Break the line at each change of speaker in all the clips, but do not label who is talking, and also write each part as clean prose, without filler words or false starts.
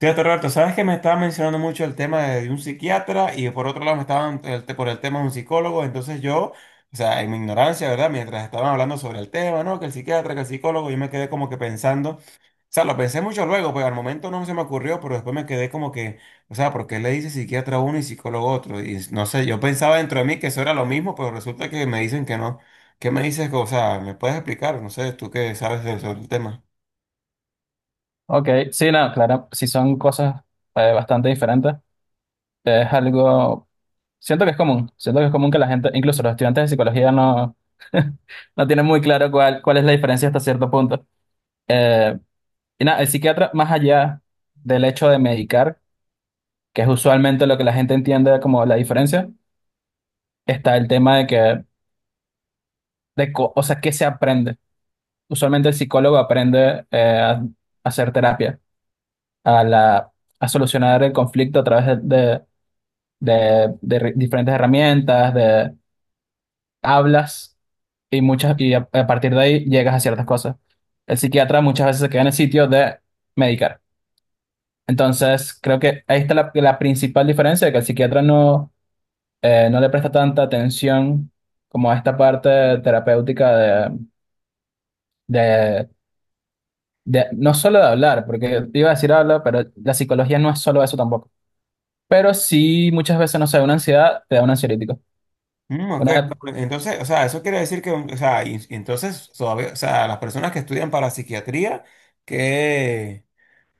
Fíjate, Roberto, sabes que me estaba mencionando mucho el tema de un psiquiatra y por otro lado me estaban por el tema de un psicólogo, entonces yo, o sea, en mi ignorancia, ¿verdad? Mientras estaban hablando sobre el tema, ¿no? Que el psiquiatra, que el psicólogo, yo me quedé como que pensando, o sea, lo pensé mucho luego, pues al momento no se me ocurrió, pero después me quedé como que, o sea, ¿por qué le dice psiquiatra a uno y psicólogo a otro? Y no sé, yo pensaba dentro de mí que eso era lo mismo, pero resulta que me dicen que no. ¿Qué me dices? O sea, ¿me puedes explicar? No sé, tú sobre el tema.
Ok, sí, no, claro, sí son cosas bastante diferentes. Es algo, siento que es común, siento que es común que la gente, incluso los estudiantes de psicología no, no tienen muy claro cuál es la diferencia hasta cierto punto. Eh, y nada, el psiquiatra, más allá del hecho de medicar, que es usualmente lo que la gente entiende como la diferencia, está el tema de o sea, ¿qué se aprende? Usualmente el psicólogo aprende a hacer terapia, a la, a solucionar el conflicto a través diferentes herramientas, de hablas y muchas a partir de ahí llegas a ciertas cosas. El psiquiatra muchas veces se queda en el sitio de medicar. Entonces, creo que ahí está la principal diferencia, que el psiquiatra no, no le presta tanta atención como a esta parte terapéutica de, de, no solo de hablar, porque iba a decir habla, pero la psicología no es solo eso tampoco. Pero sí, muchas veces, no sé, una ansiedad te da un ansiolítico.
Mm, ok, no,
Una
pues, entonces, o sea, eso quiere decir que, o sea, y entonces, todavía, o sea, las personas que estudian para psiquiatría, que...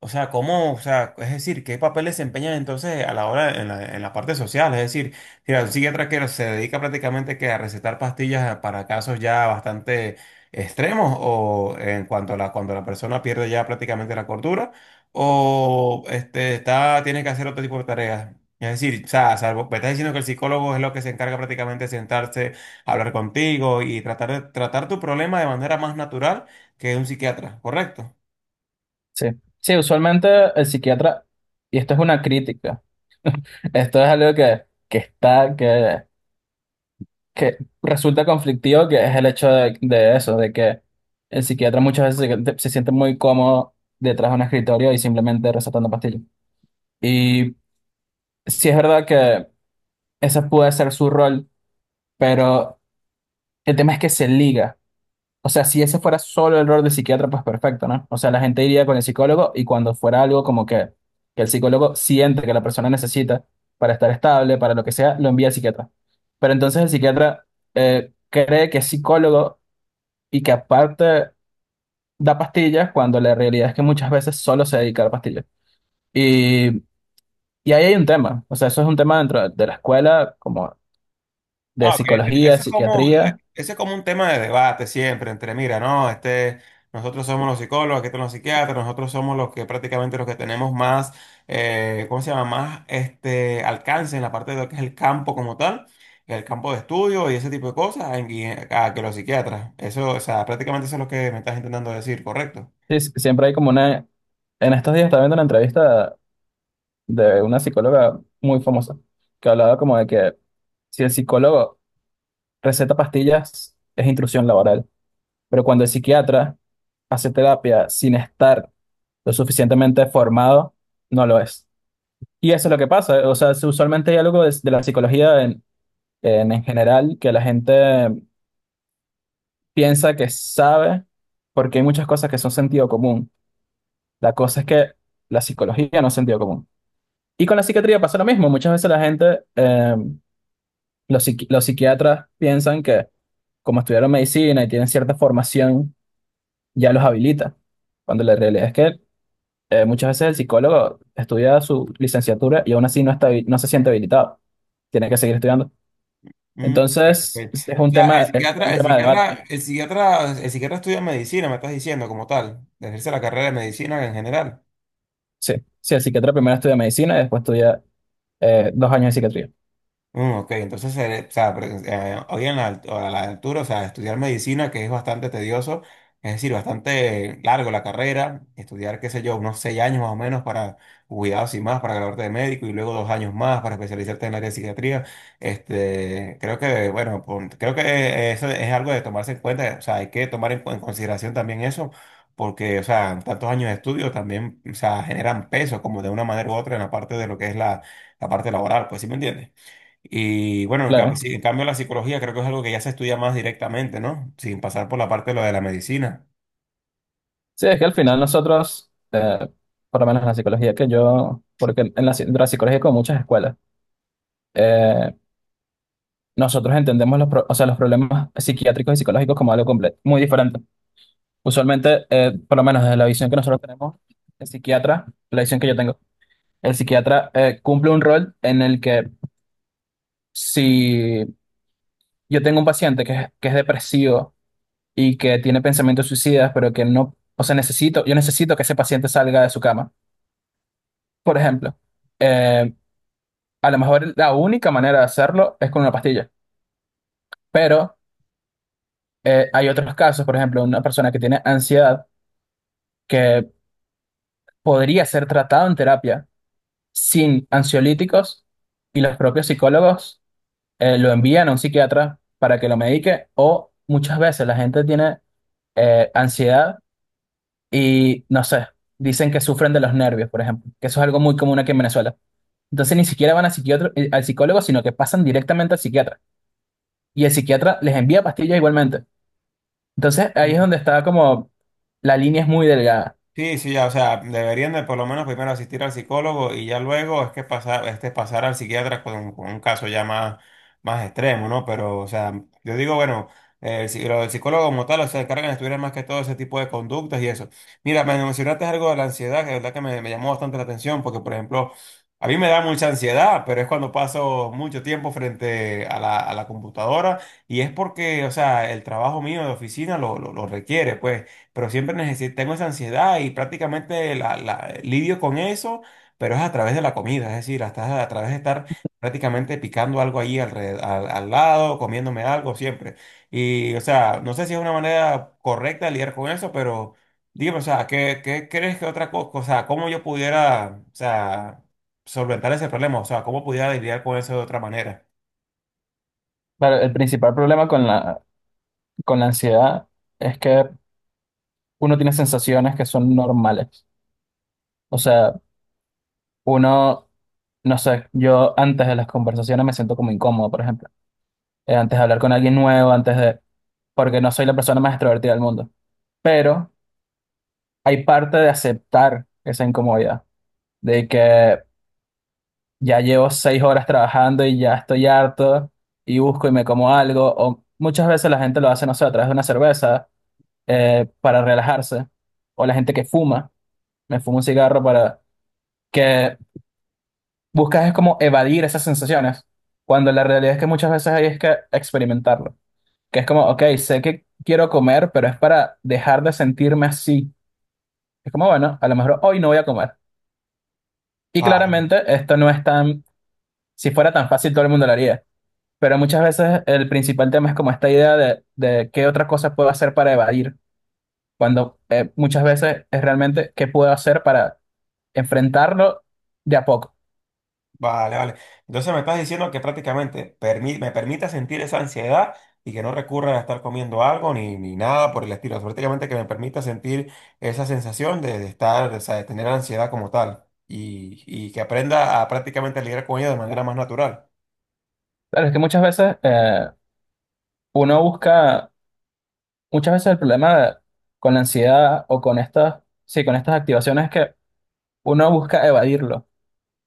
O sea, ¿cómo, o sea, es decir, qué papel desempeñan entonces a la hora en en la parte social? Es decir, mira, un psiquiatra que se dedica prácticamente que a recetar pastillas para casos ya bastante extremos o en cuanto a la, cuando la persona pierde ya prácticamente la cordura o este, está, tiene que hacer otro tipo de tareas. Es decir, o sea, salvo, me estás diciendo que el psicólogo es lo que se encarga prácticamente de sentarse, hablar contigo y tratar de tratar tu problema de manera más natural que un psiquiatra, ¿correcto?
sí, sí, usualmente el psiquiatra, y esto es una crítica, esto es algo que resulta conflictivo, que es el hecho de eso, de que el psiquiatra muchas veces se siente muy cómodo detrás de un escritorio y simplemente recetando pastillas. Y sí es verdad que ese puede ser su rol, pero el tema es que se liga. O sea, si ese fuera solo el rol de psiquiatra, pues perfecto, ¿no? O sea, la gente iría con el psicólogo y cuando fuera algo como que el psicólogo siente que la persona necesita para estar estable, para lo que sea, lo envía al psiquiatra. Pero entonces el psiquiatra cree que es psicólogo y que aparte da pastillas cuando la realidad es que muchas veces solo se dedica a la pastilla. Y, y ahí hay un tema, o sea, eso es un tema dentro de la escuela, como de
Ah, ok,
psicología,
eso es como,
psiquiatría.
ese es como un tema de debate siempre entre, mira, no, este, nosotros somos los psicólogos, aquí están los psiquiatras, nosotros somos los que prácticamente los que tenemos más, ¿cómo se llama? Más este alcance en la parte de lo que es el campo como tal, el campo de estudio y ese tipo de cosas, a que los psiquiatras. Eso, o sea, prácticamente eso es lo que me estás intentando decir, ¿correcto?
Sí, sí, siempre hay como una... En estos días estaba viendo una entrevista de una psicóloga muy famosa, que hablaba como de que si el psicólogo receta pastillas, es intrusión laboral, pero cuando el psiquiatra hace terapia sin estar lo suficientemente formado, no lo es. Y eso es lo que pasa, o sea, usualmente hay algo de la psicología en general que la gente piensa que sabe, porque hay muchas cosas que son sentido común. La cosa es que la psicología no es sentido común. Y con la psiquiatría pasa lo mismo, muchas veces la gente... los, los psiquiatras piensan que como estudiaron medicina y tienen cierta formación, ya los habilita, cuando la realidad es que muchas veces el psicólogo estudia su licenciatura y aún así no está, no se siente habilitado, tiene que seguir estudiando.
Mm, ok,
Entonces,
ok. O sea, el
es
psiquiatra,
un
el
tema de
psiquiatra,
debate.
el psiquiatra, el psiquiatra estudia medicina, me estás diciendo como tal, ejerce la carrera de medicina en general.
Sí, sí, el psiquiatra primero estudia medicina y después estudia 2 años de psiquiatría.
Mm, ok, entonces, o sea, hoy en a la altura, o sea, estudiar medicina, que es bastante tedioso, es decir, bastante largo la carrera, estudiar, qué sé yo, unos seis años más o menos para cuidados y más, para graduarte de médico y luego dos años más para especializarte en el área de psiquiatría, este, creo que, bueno, creo que eso es algo de tomarse en cuenta, o sea, hay que tomar en consideración también eso, porque, o sea, tantos años de estudio también, o sea, generan peso como de una manera u otra en la parte de lo que es la, la parte laboral, pues, ¿sí me entiendes? Y bueno,
Claro.
sí, en cambio la psicología creo que es algo que ya se estudia más directamente, ¿no? Sin pasar por la parte de lo de la medicina.
Sí, es que al final nosotros, por lo menos en la psicología que yo, porque en la psicología hay como muchas escuelas, eh, nosotros entendemos o sea, los problemas psiquiátricos y psicológicos como algo completo, muy diferente. Usualmente, por lo menos desde la visión que nosotros tenemos, el psiquiatra, la visión que yo tengo, el psiquiatra cumple un rol en el que si yo tengo un paciente que es depresivo y que tiene pensamientos suicidas, pero que no, o sea, necesito, yo necesito que ese paciente salga de su cama, por ejemplo, eh, a lo mejor la única manera de hacerlo es con una pastilla, pero hay otros casos, por ejemplo, una persona que tiene ansiedad, que podría ser tratado en terapia sin ansiolíticos y los propios psicólogos lo envían a un psiquiatra para que lo medique o muchas veces la gente tiene ansiedad y no sé, dicen que sufren de los nervios, por ejemplo, que eso es algo muy común aquí en Venezuela. Entonces ni siquiera van a al psicólogo, sino que pasan directamente al psiquiatra y el psiquiatra les envía pastillas igualmente. Entonces ahí es donde está como la línea es muy delgada.
Sí, sí, ya, o sea, deberían de por lo menos primero asistir al psicólogo y ya luego es que pasar, este, pasar al psiquiatra con un caso ya más, más extremo, ¿no? Pero, o sea, yo digo, bueno, lo del psicólogo como tal, o sea, se encargan de estudiar más que todo ese tipo de conductas y eso. Mira, me mencionaste algo de la ansiedad, que de verdad que me llamó bastante la atención, porque, por ejemplo, a mí me da mucha ansiedad, pero es cuando paso mucho tiempo frente a a la computadora y es porque, o sea, el trabajo mío de oficina lo, lo requiere, pues pero siempre necesito, tengo esa ansiedad y prácticamente lidio con eso, pero es a través de la comida, es decir, hasta a través de estar prácticamente picando algo allí alrededor, al lado, comiéndome algo siempre. Y, o sea, no sé si es una manera correcta de lidiar con eso, pero dígame, o sea, ¿qué, qué crees que otra cosa, o sea, cómo yo pudiera, o sea, solventar ese problema, o sea, cómo pudiera lidiar con eso de otra manera?
Claro, el principal problema con con la ansiedad es que uno tiene sensaciones que son normales. O sea, uno, no sé, yo antes de las conversaciones me siento como incómodo, por ejemplo. Antes de hablar con alguien nuevo, antes de... porque no soy la persona más extrovertida del mundo. Pero hay parte de aceptar esa incomodidad, de que ya llevo 6 horas trabajando y ya estoy harto y busco y me como algo. O muchas veces la gente lo hace, no sé, a través de una cerveza para relajarse. O la gente que fuma, me fumo un cigarro para que buscas es como evadir esas sensaciones, cuando la realidad es que muchas veces hay es que experimentarlo. Que es como, ok, sé que quiero comer, pero es para dejar de sentirme así. Es como, bueno, a lo mejor hoy no voy a comer. Y claramente esto no es tan, si fuera tan fácil todo el mundo lo haría. Pero muchas veces el principal tema es como esta idea de qué otra cosa puedo hacer para evadir, cuando muchas veces es realmente qué puedo hacer para enfrentarlo de a poco.
Vale, vale. Entonces me estás diciendo que prácticamente me permita sentir esa ansiedad y que no recurra a estar comiendo algo ni nada por el estilo. Prácticamente que me permita sentir esa sensación de estar, o sea, de tener ansiedad como tal y que aprenda a prácticamente lidiar con ella de manera más natural.
Claro, es que muchas veces uno busca muchas veces el problema con la ansiedad o con estas, sí, con estas activaciones es que uno busca evadirlo.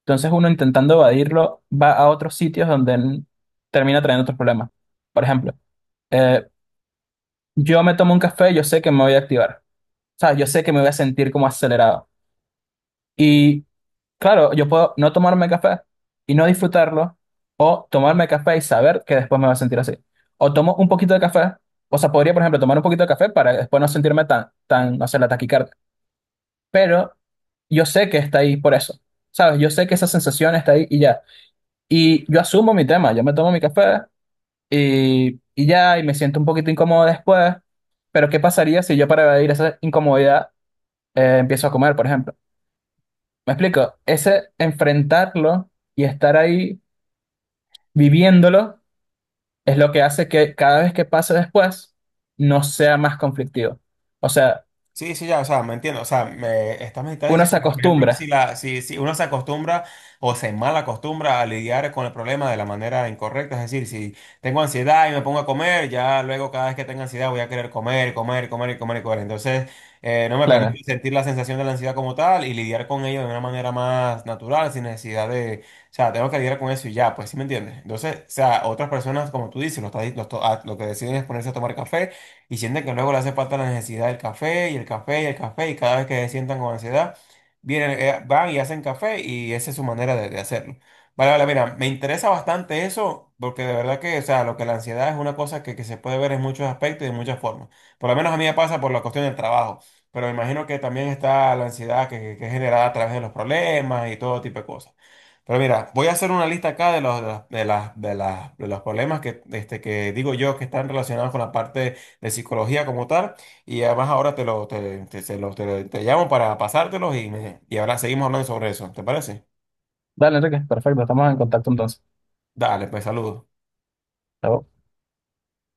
Entonces uno intentando evadirlo va a otros sitios donde termina trayendo otros problemas. Por ejemplo, eh, yo me tomo un café, yo sé que me voy a activar. O sea, yo sé que me voy a sentir como acelerado. Y claro, yo puedo no tomarme café y no disfrutarlo, o tomarme café y saber que después me voy a sentir así. O tomo un poquito de café, o sea, podría, por ejemplo, tomar un poquito de café para después no sentirme no sé, la taquicardia pero yo sé que está ahí por eso, ¿sabes? Yo sé que esa sensación está ahí y ya. Y yo asumo mi tema, yo me tomo mi café y ya, y me siento un poquito incómodo después, pero ¿qué pasaría si yo para evadir esa incomodidad empiezo a comer, por ejemplo? ¿Me explico? Ese enfrentarlo y estar ahí viviéndolo es lo que hace que cada vez que pase después no sea más conflictivo. O sea,
Sí, sí, ya, o sea, me entiendo, o sea, me estás
uno
diciendo
se
que, por ejemplo, si,
acostumbra.
la, si, si uno se acostumbra o se mal acostumbra a lidiar con el problema de la manera incorrecta, es decir, si tengo ansiedad y me pongo a comer, ya luego cada vez que tenga ansiedad voy a querer comer, comer, comer y comer y comer. Entonces, no me
Claro.
permite sentir la sensación de la ansiedad como tal y lidiar con ello de una manera más natural, sin necesidad de, o sea, tengo que lidiar con eso y ya, pues, ¿sí me entiendes? Entonces, o sea, otras personas, como tú dices, lo que deciden es ponerse a tomar café y sienten que luego le hace falta la necesidad del café y el café y el café y cada vez que se sientan con ansiedad, vienen, van y hacen café y esa es su manera de hacerlo. Vale, vale, mira, me interesa bastante eso porque de verdad que, o sea, lo que la ansiedad es una cosa que se puede ver en muchos aspectos y de muchas formas. Por lo menos a mí me pasa por la cuestión del trabajo, pero me imagino que también está la ansiedad que es generada a través de los problemas y todo tipo de cosas. Pero mira, voy a hacer una lista acá de los, de los problemas que, este, que digo yo que están relacionados con la parte de psicología como tal. Y además ahora te lo, te- se lo- te- te llamo para pasártelos y, y ahora seguimos hablando sobre eso. ¿Te parece?
Dale, Enrique, perfecto, estamos en contacto entonces.
Dale, pues saludos.
Chao.